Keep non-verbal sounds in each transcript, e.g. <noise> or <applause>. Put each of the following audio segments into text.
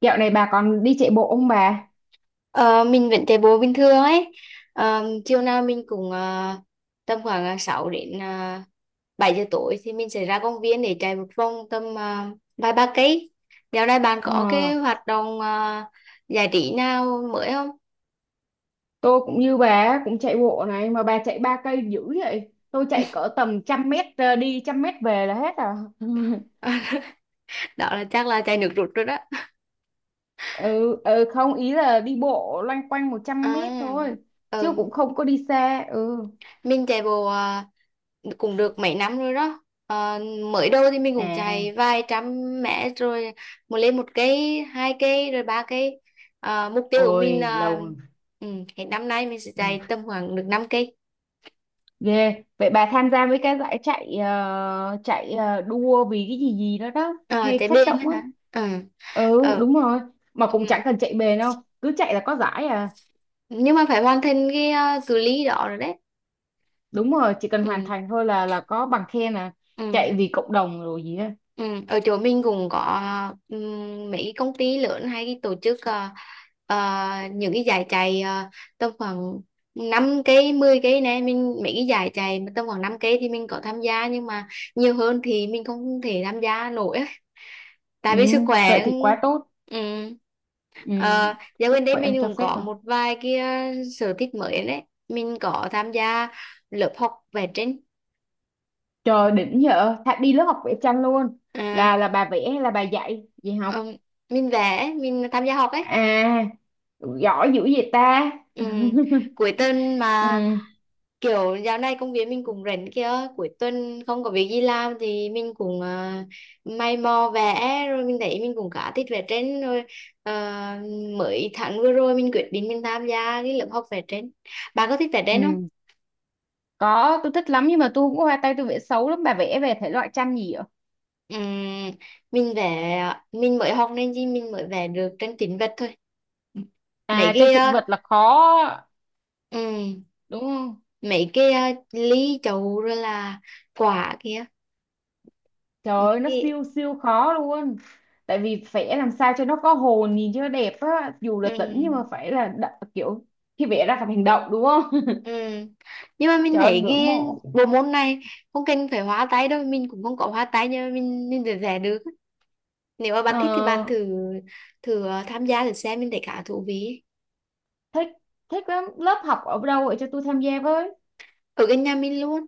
Dạo này bà còn đi chạy bộ không bà? Ờ, mình vẫn chạy bộ bình thường ấy. Chiều nào mình cũng tầm khoảng 6 đến 7 giờ tối thì mình sẽ ra công viên để chạy một vòng tầm vài ba cây. Dạo này bạn có Ờ, cái hoạt động giải trí nào mới không? tôi cũng như bà á, cũng chạy bộ này mà bà chạy 3 cây dữ vậy. Tôi chạy cỡ tầm 100 mét đi 100 mét về là hết à. <laughs> <laughs> Đó là chắc là chạy nước rút rồi đó. Ừ, ừ không ý là đi bộ loanh quanh 100 mét À, thôi chứ ừ, cũng không có đi xa. Ừ. mình chạy bộ cũng được mấy năm rồi đó mới đầu thì mình cũng À, chạy vài trăm mét rồi một lên một cây hai cây rồi ba cây. Mục tiêu của mình ôi là lâu rồi. ừ, hết năm nay mình sẽ Ừ. chạy tầm khoảng được 5 cây. Ghê. Vậy bà tham gia với cái giải chạy, đua vì cái gì gì đó đó À, hay chạy phát bên động á á. hả. Ừ. Ừ, Ờ, đúng rồi. Mà cũng ừ. chẳng cần chạy bền đâu, cứ chạy là có giải à. Nhưng mà phải hoàn thành cái cự ly đó rồi đấy. Đúng rồi, chỉ cần hoàn Ừ. thành thôi là có bằng khen à. Ừ. Chạy vì cộng đồng rồi gì á. Ừ, ở chỗ mình cũng có mấy cái công ty lớn hay cái tổ chức ờ, những cái giải chạy tầm khoảng 5 cây 10 cây này mình mấy cái giải chạy mà tầm khoảng 5 cây thì mình có tham gia nhưng mà nhiều hơn thì mình không thể tham gia nổi á. Ừ, Tại vì sức vậy khỏe. thì quá tốt. Ừ. Ừ, Ờ, dạo gần sức đây khỏe em mình cho cũng phép có rồi. một vài cái sở thích mới đấy. Mình có tham gia lớp học vẽ tranh. Trời đỉnh nhở. Thà đi lớp học vẽ tranh luôn. à, Là bà vẽ hay là bà dạy dạy học? ừm, mình vẽ mình tham gia học ấy. À, giỏi dữ vậy ta. Ừ, <laughs> cuối tuần Ừ, mà kiểu dạo này công việc mình cũng rảnh kia. Cuối tuần không có việc gì làm thì mình cũng may mò vẽ rồi mình thấy mình cũng khá thích vẽ tranh rồi. à, mới tháng vừa rồi mình quyết định mình tham gia cái lớp học vẽ tranh. Bạn có thích vẽ tranh không? ừ. Có, tôi thích lắm nhưng mà tôi cũng hoa tay, tôi vẽ xấu lắm. Bà vẽ về thể loại tranh gì ạ? Ừ, mình vẽ mình mới học nên gì mình mới vẽ được tranh tĩnh vật thôi. mấy À, tranh cái thực à, vật là khó, ừ, đúng không? mấy cái ly chậu rồi là quả kia Trời mấy ơi, nó cái. siêu siêu khó luôn. Tại vì vẽ làm sao cho nó có hồn, nhìn cho nó đẹp á, dù là Ừ. tĩnh nhưng mà phải là kiểu khi vẽ ra phải hành động, đúng không? <laughs> Ừ. Nhưng mà mình Trời ơi, thấy ngưỡng cái mộ. bộ môn này không cần phải hóa tay đâu mình cũng không có hóa tay nhưng mà mình vẫn vẽ được. Nếu mà bạn thích thì bạn Ờ, thử thử tham gia thử xem mình thấy khá thú vị. thích thích lắm, lớp học ở đâu vậy cho tôi tham gia với. Ở gần nhà mình luôn.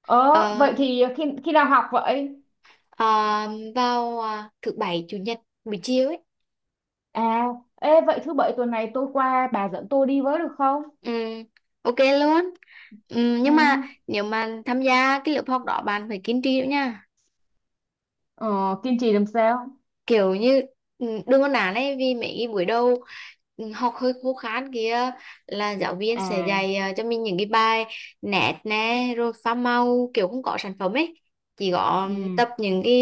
Ờ, ờ, vậy thì khi khi nào học vậy? ờ, vào thứ bảy chủ nhật buổi chiều ấy. À, ê, vậy thứ bảy tuần này tôi qua bà dẫn tôi đi với được không? Ừ, ok luôn. Ừ, Ừ. nhưng mà nếu mà tham gia cái lớp học đó bạn phải kiên trì nữa nha. Ờ, kiên trì làm sao? Kiểu như đừng có nản ấy vì mấy buổi đầu. Ừ, học hơi khô khan kia là giáo viên sẽ À, dạy cho mình những cái bài nét nè rồi pha màu kiểu không có sản phẩm ấy chỉ có ừ, tập những cái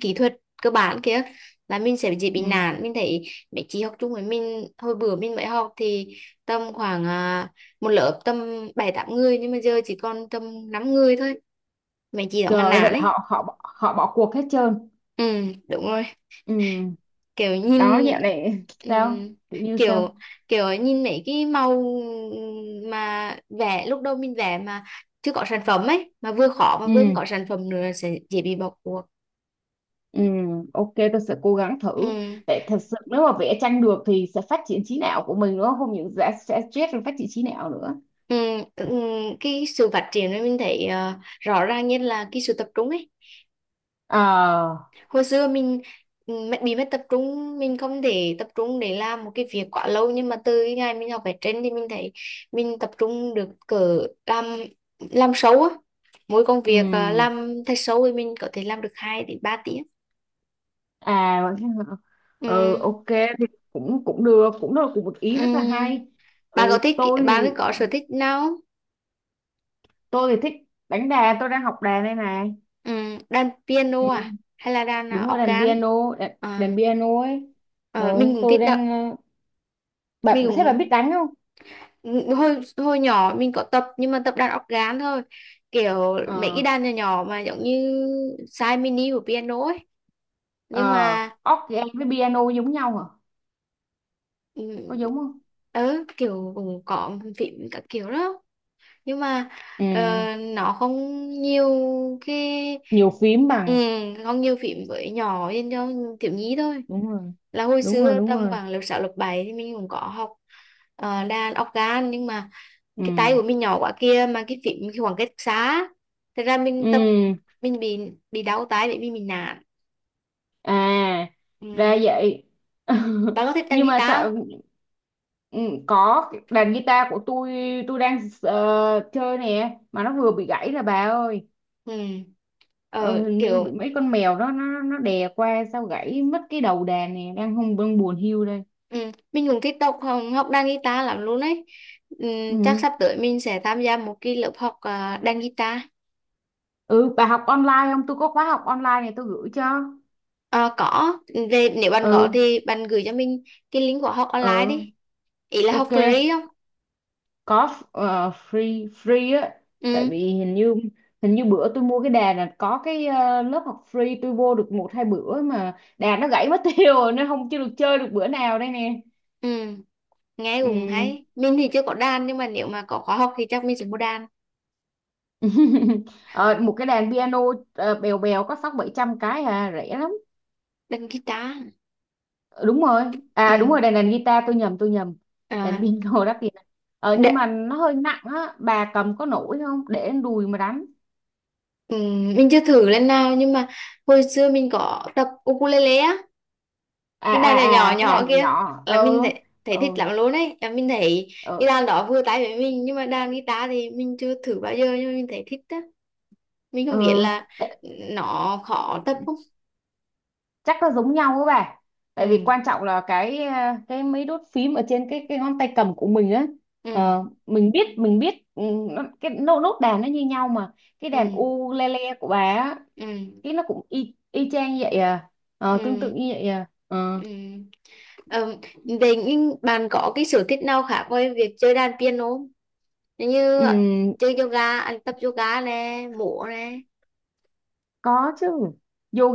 kỹ thuật cơ bản kia là mình sẽ dễ bị ừ. nản mình thấy. Mấy chị học chung với mình hồi bữa mình mới học thì tầm khoảng một lớp tầm bảy tám người nhưng mà giờ chỉ còn tầm 5 người thôi. Mấy chị đó Trời ngăn ơi, vậy nản là ấy. họ họ họ bỏ cuộc hết trơn. Ừ, đúng rồi. Ừ. kiểu Đó, nhìn dạo này sao, ừm, kiểu như sao? kiểu kiểu nhìn mấy cái màu mà vẽ lúc đầu mình vẽ mà chưa có sản phẩm ấy mà vừa khó mà vừa không Ừ, có sản phẩm nữa sẽ dễ bị bỏ cuộc. ừ, ok, tôi sẽ cố gắng thử. Ừm, Tại thật sự nếu mà vẽ tranh được thì sẽ phát triển trí não của mình nữa, không những sẽ stress rồi phát triển trí não nữa. Cái sự phát triển này mình thấy rõ ràng nhất là cái sự tập trung ấy. Ờ. Hồi xưa mình bị mất tập trung mình không thể tập trung để làm một cái việc quá lâu nhưng mà từ cái ngày mình học vẽ tranh thì mình thấy mình tập trung được cỡ làm làm sâu á. Mỗi công Ừ. việc à, làm thật sâu thì mình có thể làm được 2 đến 3 tiếng. À. <laughs> Ừ, Ừ. ok thì cũng cũng được, cũng là cũng một ý rất là Ừ. hay. bạn có Ừ, thích tôi bạn có thì có sở thích nào không? tôi thì thích đánh đàn. Tôi đang học đàn đây này. Ừ. Đàn Ừ, piano à hay là đàn đúng à, rồi, đàn organ? piano, đàn, à, đàn piano ấy. Ừ, ờ, mình cũng tôi thích đọc đang ờ, mình bạn, thế bạn biết cũng đánh không? hồi hồi nhỏ mình có tập nhưng mà tập đàn óc gán thôi kiểu mấy cái Ờ. đàn nhỏ nhỏ mà giống như size mini của piano ấy nhưng Ờ, mà organ với piano giống nhau hả? ừ, Có giống không? ừ kiểu cũng có phím các kiểu đó nhưng mà Ừ. ờ, nó không nhiều cái Nhiều phím ừ, bằng. không nhiều phím với nhỏ nên cho thiếu nhi thôi. Đúng rồi, Là hồi đúng rồi, xưa đúng tầm rồi. khoảng lớp 6, lớp 7 thì mình cũng có học đàn organ nhưng mà Ừ. cái tay của mình nhỏ quá kia mà cái phím cái khoảng cách xa thật ra Ừ, mình tập mình bị đau tay bởi vì mình nản. à, Ừ. ra vậy. <laughs> Bạn có thích đàn Nhưng mà guitar sao. không? Ừ, có, cái đàn guitar của tôi đang chơi nè mà nó vừa bị gãy là bà ơi. Ừ. Ờ, Ờ hình như bị kiểu. mấy con mèo đó nó đè qua sao gãy mất cái đầu đàn nè, đang không, đang buồn hiu đây. Ừ. Mình cũng thích học học đàn guitar lắm luôn ấy. Ừ. Chắc Ừ. sắp tới mình sẽ tham gia một cái lớp học đàn guitar. Ừ, bà học online không? Tôi có khóa học online này tôi gửi cho. Ờ, có về. Nếu bạn có Ừ. thì bạn gửi cho mình cái link của học online Ừ, đi. Ý là học ok, free không? có f- ờ, free free á. Tại Ừ. vì hình như bữa tôi mua cái đà là có cái lớp học free, tôi vô được một hai bữa mà đà nó gãy mất <laughs> tiêu rồi nên không chưa được chơi được bữa nào đây nè. Ừ, nghe cũng Ừ. hay. Mình thì chưa có đàn nhưng mà nếu mà có khóa học thì chắc mình sẽ mua đàn, <laughs> Ờ, một cái đàn piano bèo bèo có sáu bảy trăm cái, à rẻ lắm. đàn guitar. Ờ, đúng rồi, à đúng rồi, Ừ. đàn đàn guitar, tôi nhầm tôi nhầm. Đàn À, piano đắt tiền. Ờ, nhưng đ- mà nó hơi nặng á, bà cầm có nổi không, để đùi mà đánh. ừ, mình chưa thử lần nào nhưng mà hồi xưa mình có tập ukulele á, À, cái à, đàn nhỏ nhỏ à, cái làn nhỏ nhỏ kia nhỏ. là mình Ừ, thấy thích ừ, lắm luôn ấy. Là mình thấy cái ừ, đàn đó vừa tay với mình nhưng mà đàn guitar thì mình chưa thử bao giờ nhưng mà mình thấy thích á. Mình ừ. không biết là Ê, nó khó tập không? chắc nó giống nhau á bà. Tại vì Ừ, quan trọng là cái mấy đốt phím ở trên cái ngón tay cầm của mình á. ừ, Ờ, mình biết mình biết, ừ, nó, cái nốt nốt đàn nó như nhau mà. Cái đàn ừ, ukulele của bà á, ừ, cái nó cũng y y chang vậy à. Ờ, tương tự ừ. như vậy à. Ờ. Ừ. Ờ, vậy nhưng bạn có cái sở thích nào khác ngoài việc chơi đàn piano không? Như Ừ. chơi yoga, à, tập yoga nè, múa nè. Có chứ.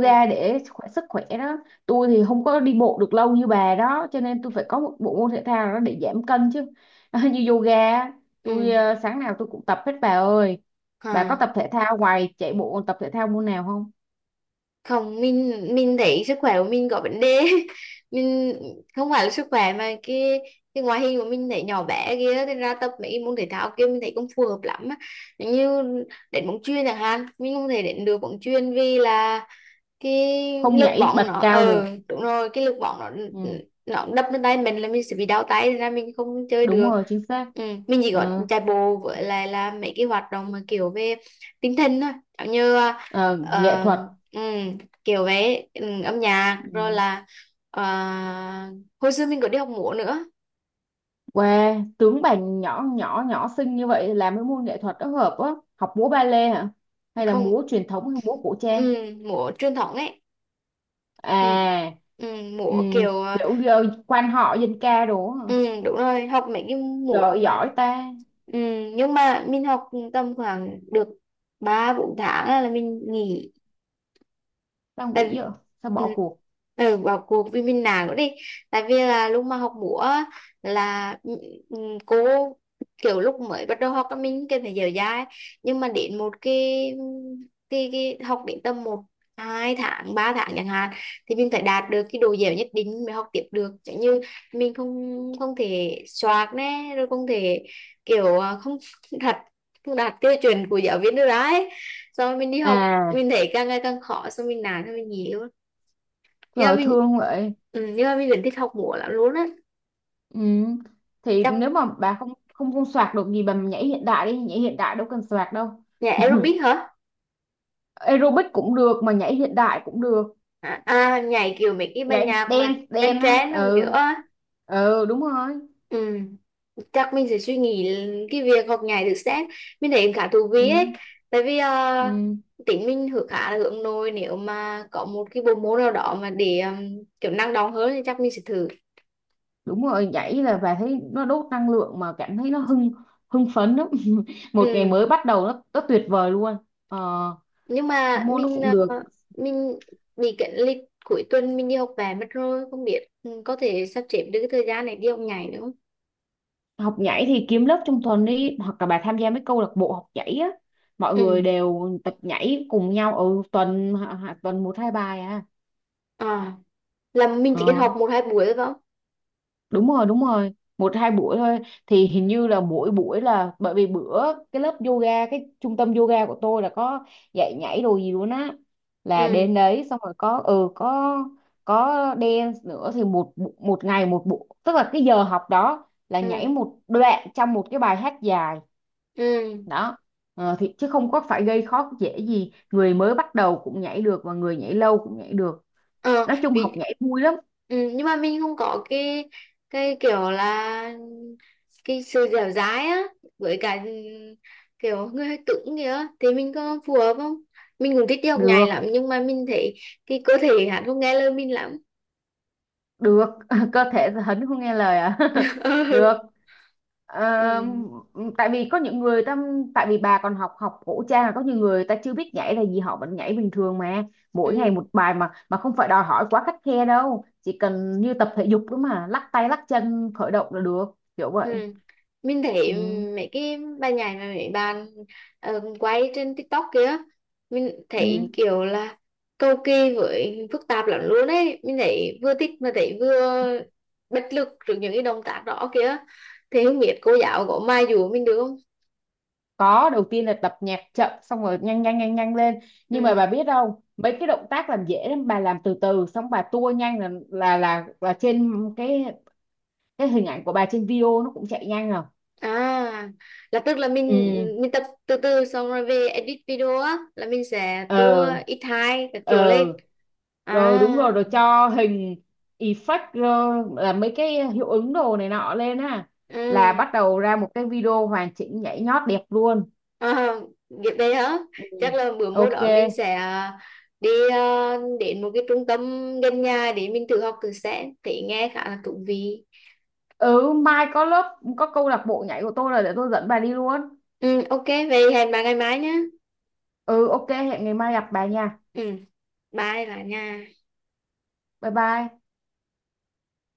Ừ. để khỏe sức khỏe đó. Tôi thì không có đi bộ được lâu như bà đó, cho nên tôi phải có một bộ môn thể thao đó để giảm cân chứ. <laughs> Như yoga á, tôi Ừ. Sáng nào tôi cũng tập hết bà ơi. Bà Hả? có tập thể thao ngoài chạy bộ còn tập thể thao môn nào không? Không, mình thấy sức khỏe của mình có vấn đề. <laughs> Mình không phải là sức khỏe mà cái ngoại hình của mình thấy nhỏ bé kia nên ra tập mấy môn thể thao kia mình thấy không phù hợp lắm á. Như đến bóng chuyền chẳng hạn, mình không thể đến được bóng chuyền vì là cái Không lực nhảy bóng bật nó cao được. ờ Đúng rồi. Cái lực bóng nó Ừ, nó đập lên tay mình là mình sẽ bị đau tay nên là mình không chơi đúng được. rồi, chính xác. Ừ. Mình chỉ có Ừ, chạy bộ với lại là mấy cái hoạt động mà kiểu về tinh thần thôi giống như ờ, nghệ ờ, thuật. ừ, kiểu về âm nhạc rồi Ừ. là ờ, hồi xưa mình có đi học múa nữa. Wow, tướng bà nhỏ nhỏ nhỏ xinh như vậy làm cái môn nghệ thuật đó hợp á. Học múa ba lê hả? Hay là Không. múa truyền thống hay múa cổ ừ, trang? múa truyền thống ấy. ừ, À, ừ, múa ừm, kiểu ờ, kiểu quan họ dân ca đồ á, hả? ừ, Đúng rồi. Học mấy cái Trời múa ơi, mà. giỏi ta. ừ, nhưng mà mình học tầm khoảng được 3 4 tháng là mình nghỉ. Tao Tại vì nghĩ vậy. Sao bỏ ừ, cuộc? Bỏ cuộc vì mình nản nữa đi. Tại vì là lúc mà học múa á, là ừ, cô kiểu lúc mới bắt đầu học á, mình cần phải dở dai nhưng mà đến một cái học đến tầm một hai tháng ba tháng chẳng hạn thì mình phải đạt được cái độ dẻo nhất định mới học tiếp được chẳng như mình không không thể soạt nè rồi không thể kiểu. Đạt không đạt tiêu chuẩn của giáo viên được đấy. Xong rồi mình đi học À, mình thấy càng ngày càng khó xong mình nản xong mình nghỉ luôn trời nhưng mà ơi, thương vậy. Nhưng mà mình vẫn thích học múa lắm luôn á. Ừm, thì Chắc nếu mà bà không không không soạt được gì, bà nhảy hiện đại đi, nhảy hiện đại đâu cần soạt đâu. nhảy aerobic hả? Aerobic cũng được mà nhảy hiện đại cũng được. Nhảy kiểu mấy cái bài Nhảy nhạc mà dance dance trend á. trend rồi Ừ. nữa. Ừ, đúng rồi. ừ, chắc mình sẽ suy nghĩ cái việc học nhảy được xét mình thấy khá thú Ừ, vị ấy. Tại vì ừ, tính mình hướng khá là hướng nội nếu mà có một cái bộ môn nào đó mà để kiểu năng động hơn thì chắc mình sẽ thử. đúng rồi. Nhảy là bà thấy nó đốt năng lượng mà cảm thấy nó hưng hưng phấn lắm. <laughs> Một ngày Ừ. mới bắt đầu, nó tuyệt vời luôn. Ờ, Nhưng mà môn nó cũng được. ờ, mình bị cái lịch cuối tuần mình đi học về mất rồi không biết có thể sắp xếp được cái thời gian này đi học nhảy nữa không. Học nhảy thì kiếm lớp trong tuần đi, hoặc là bà tham gia mấy câu lạc bộ học nhảy á. Mọi ừ người đều tập nhảy cùng nhau ở tuần một hai bài à. à là mình chỉ cần học Ờ. một hai buổi thôi phải không? Đúng rồi, đúng rồi. Một hai buổi thôi. Thì hình như là mỗi buổi là, bởi vì bữa cái trung tâm yoga của tôi là có dạy nhảy đồ gì luôn á. Là Ừ. đến đấy xong rồi có, ừ, có có dance nữa thì một ngày một buổi, tức là cái giờ học đó là Ừ. nhảy một đoạn trong một cái bài hát dài. Ừ. Đó. Ờ, thì chứ không có phải gây khó dễ gì, người mới bắt đầu cũng nhảy được và người nhảy lâu cũng nhảy được. Ờ. Nói chung học Vì nhảy vui lắm. Nhưng mà mình không có cái kiểu là cái sự dẻo dai á với cả kiểu người hơi cứng kìa thì mình có phù hợp không mình cũng thích đi học nhảy lắm Được, nhưng mà mình thấy cái cơ thể hắn không nghe lời mình lắm. được. <laughs> Cơ thể hấn không nghe lời à? <laughs> <laughs> Được. Ừ. Ừ. Ờ, tại vì có những người ta, tại vì bà còn học học cổ trang, là có nhiều người ta chưa biết nhảy là gì họ vẫn nhảy bình thường mà. Mỗi ngày Ừ. một bài mà không phải đòi hỏi quá khắt khe đâu, chỉ cần như tập thể dục đó mà lắc tay lắc chân khởi động là được. Kiểu Ừ. vậy. Mình thấy Ừ. mấy cái bài nhảy mà mấy bạn quay trên TikTok kia mình Ừ. thấy kiểu là cầu kỳ với phức tạp lắm luôn ấy mình thấy vừa thích mà thấy vừa bất lực trước những cái động tác đó kia thì không biết cô giáo có mai dùa mình được không. Có, đầu tiên là tập nhạc chậm xong rồi nhanh nhanh nhanh nhanh lên. Nhưng mà bà Ừ. biết không, mấy cái động tác làm dễ lắm, bà làm từ từ xong bà tua nhanh là trên cái cái hình ảnh của bà trên video nó cũng chạy nhanh rồi. À, là tức là Ừ. mình tập từ từ xong rồi về edit video á là mình sẽ tua Ờ. ít hai các Ờ. kiểu lên. À, Rồi đúng rồi, rồi cho hình effect. Ờ, là mấy cái hiệu ứng đồ này nọ lên á. Là ừ. bắt đầu ra một cái video hoàn chỉnh nhảy nhót đẹp luôn. À, việc đấy hả? Ừ. Chắc là bữa mô Ok. đó mình sẽ đi đến một cái trung tâm gần nhà để mình tự học thử sẽ thì nghe khá là thú vị. Ừ, mai có câu lạc bộ nhảy của tôi, là để tôi dẫn bà đi luôn. Ừ, ok, vậy hẹn bà ngày mai nhé. Ừ, ok, hẹn ngày mai gặp bà nha. Ừ, bye bà nha. Bye bye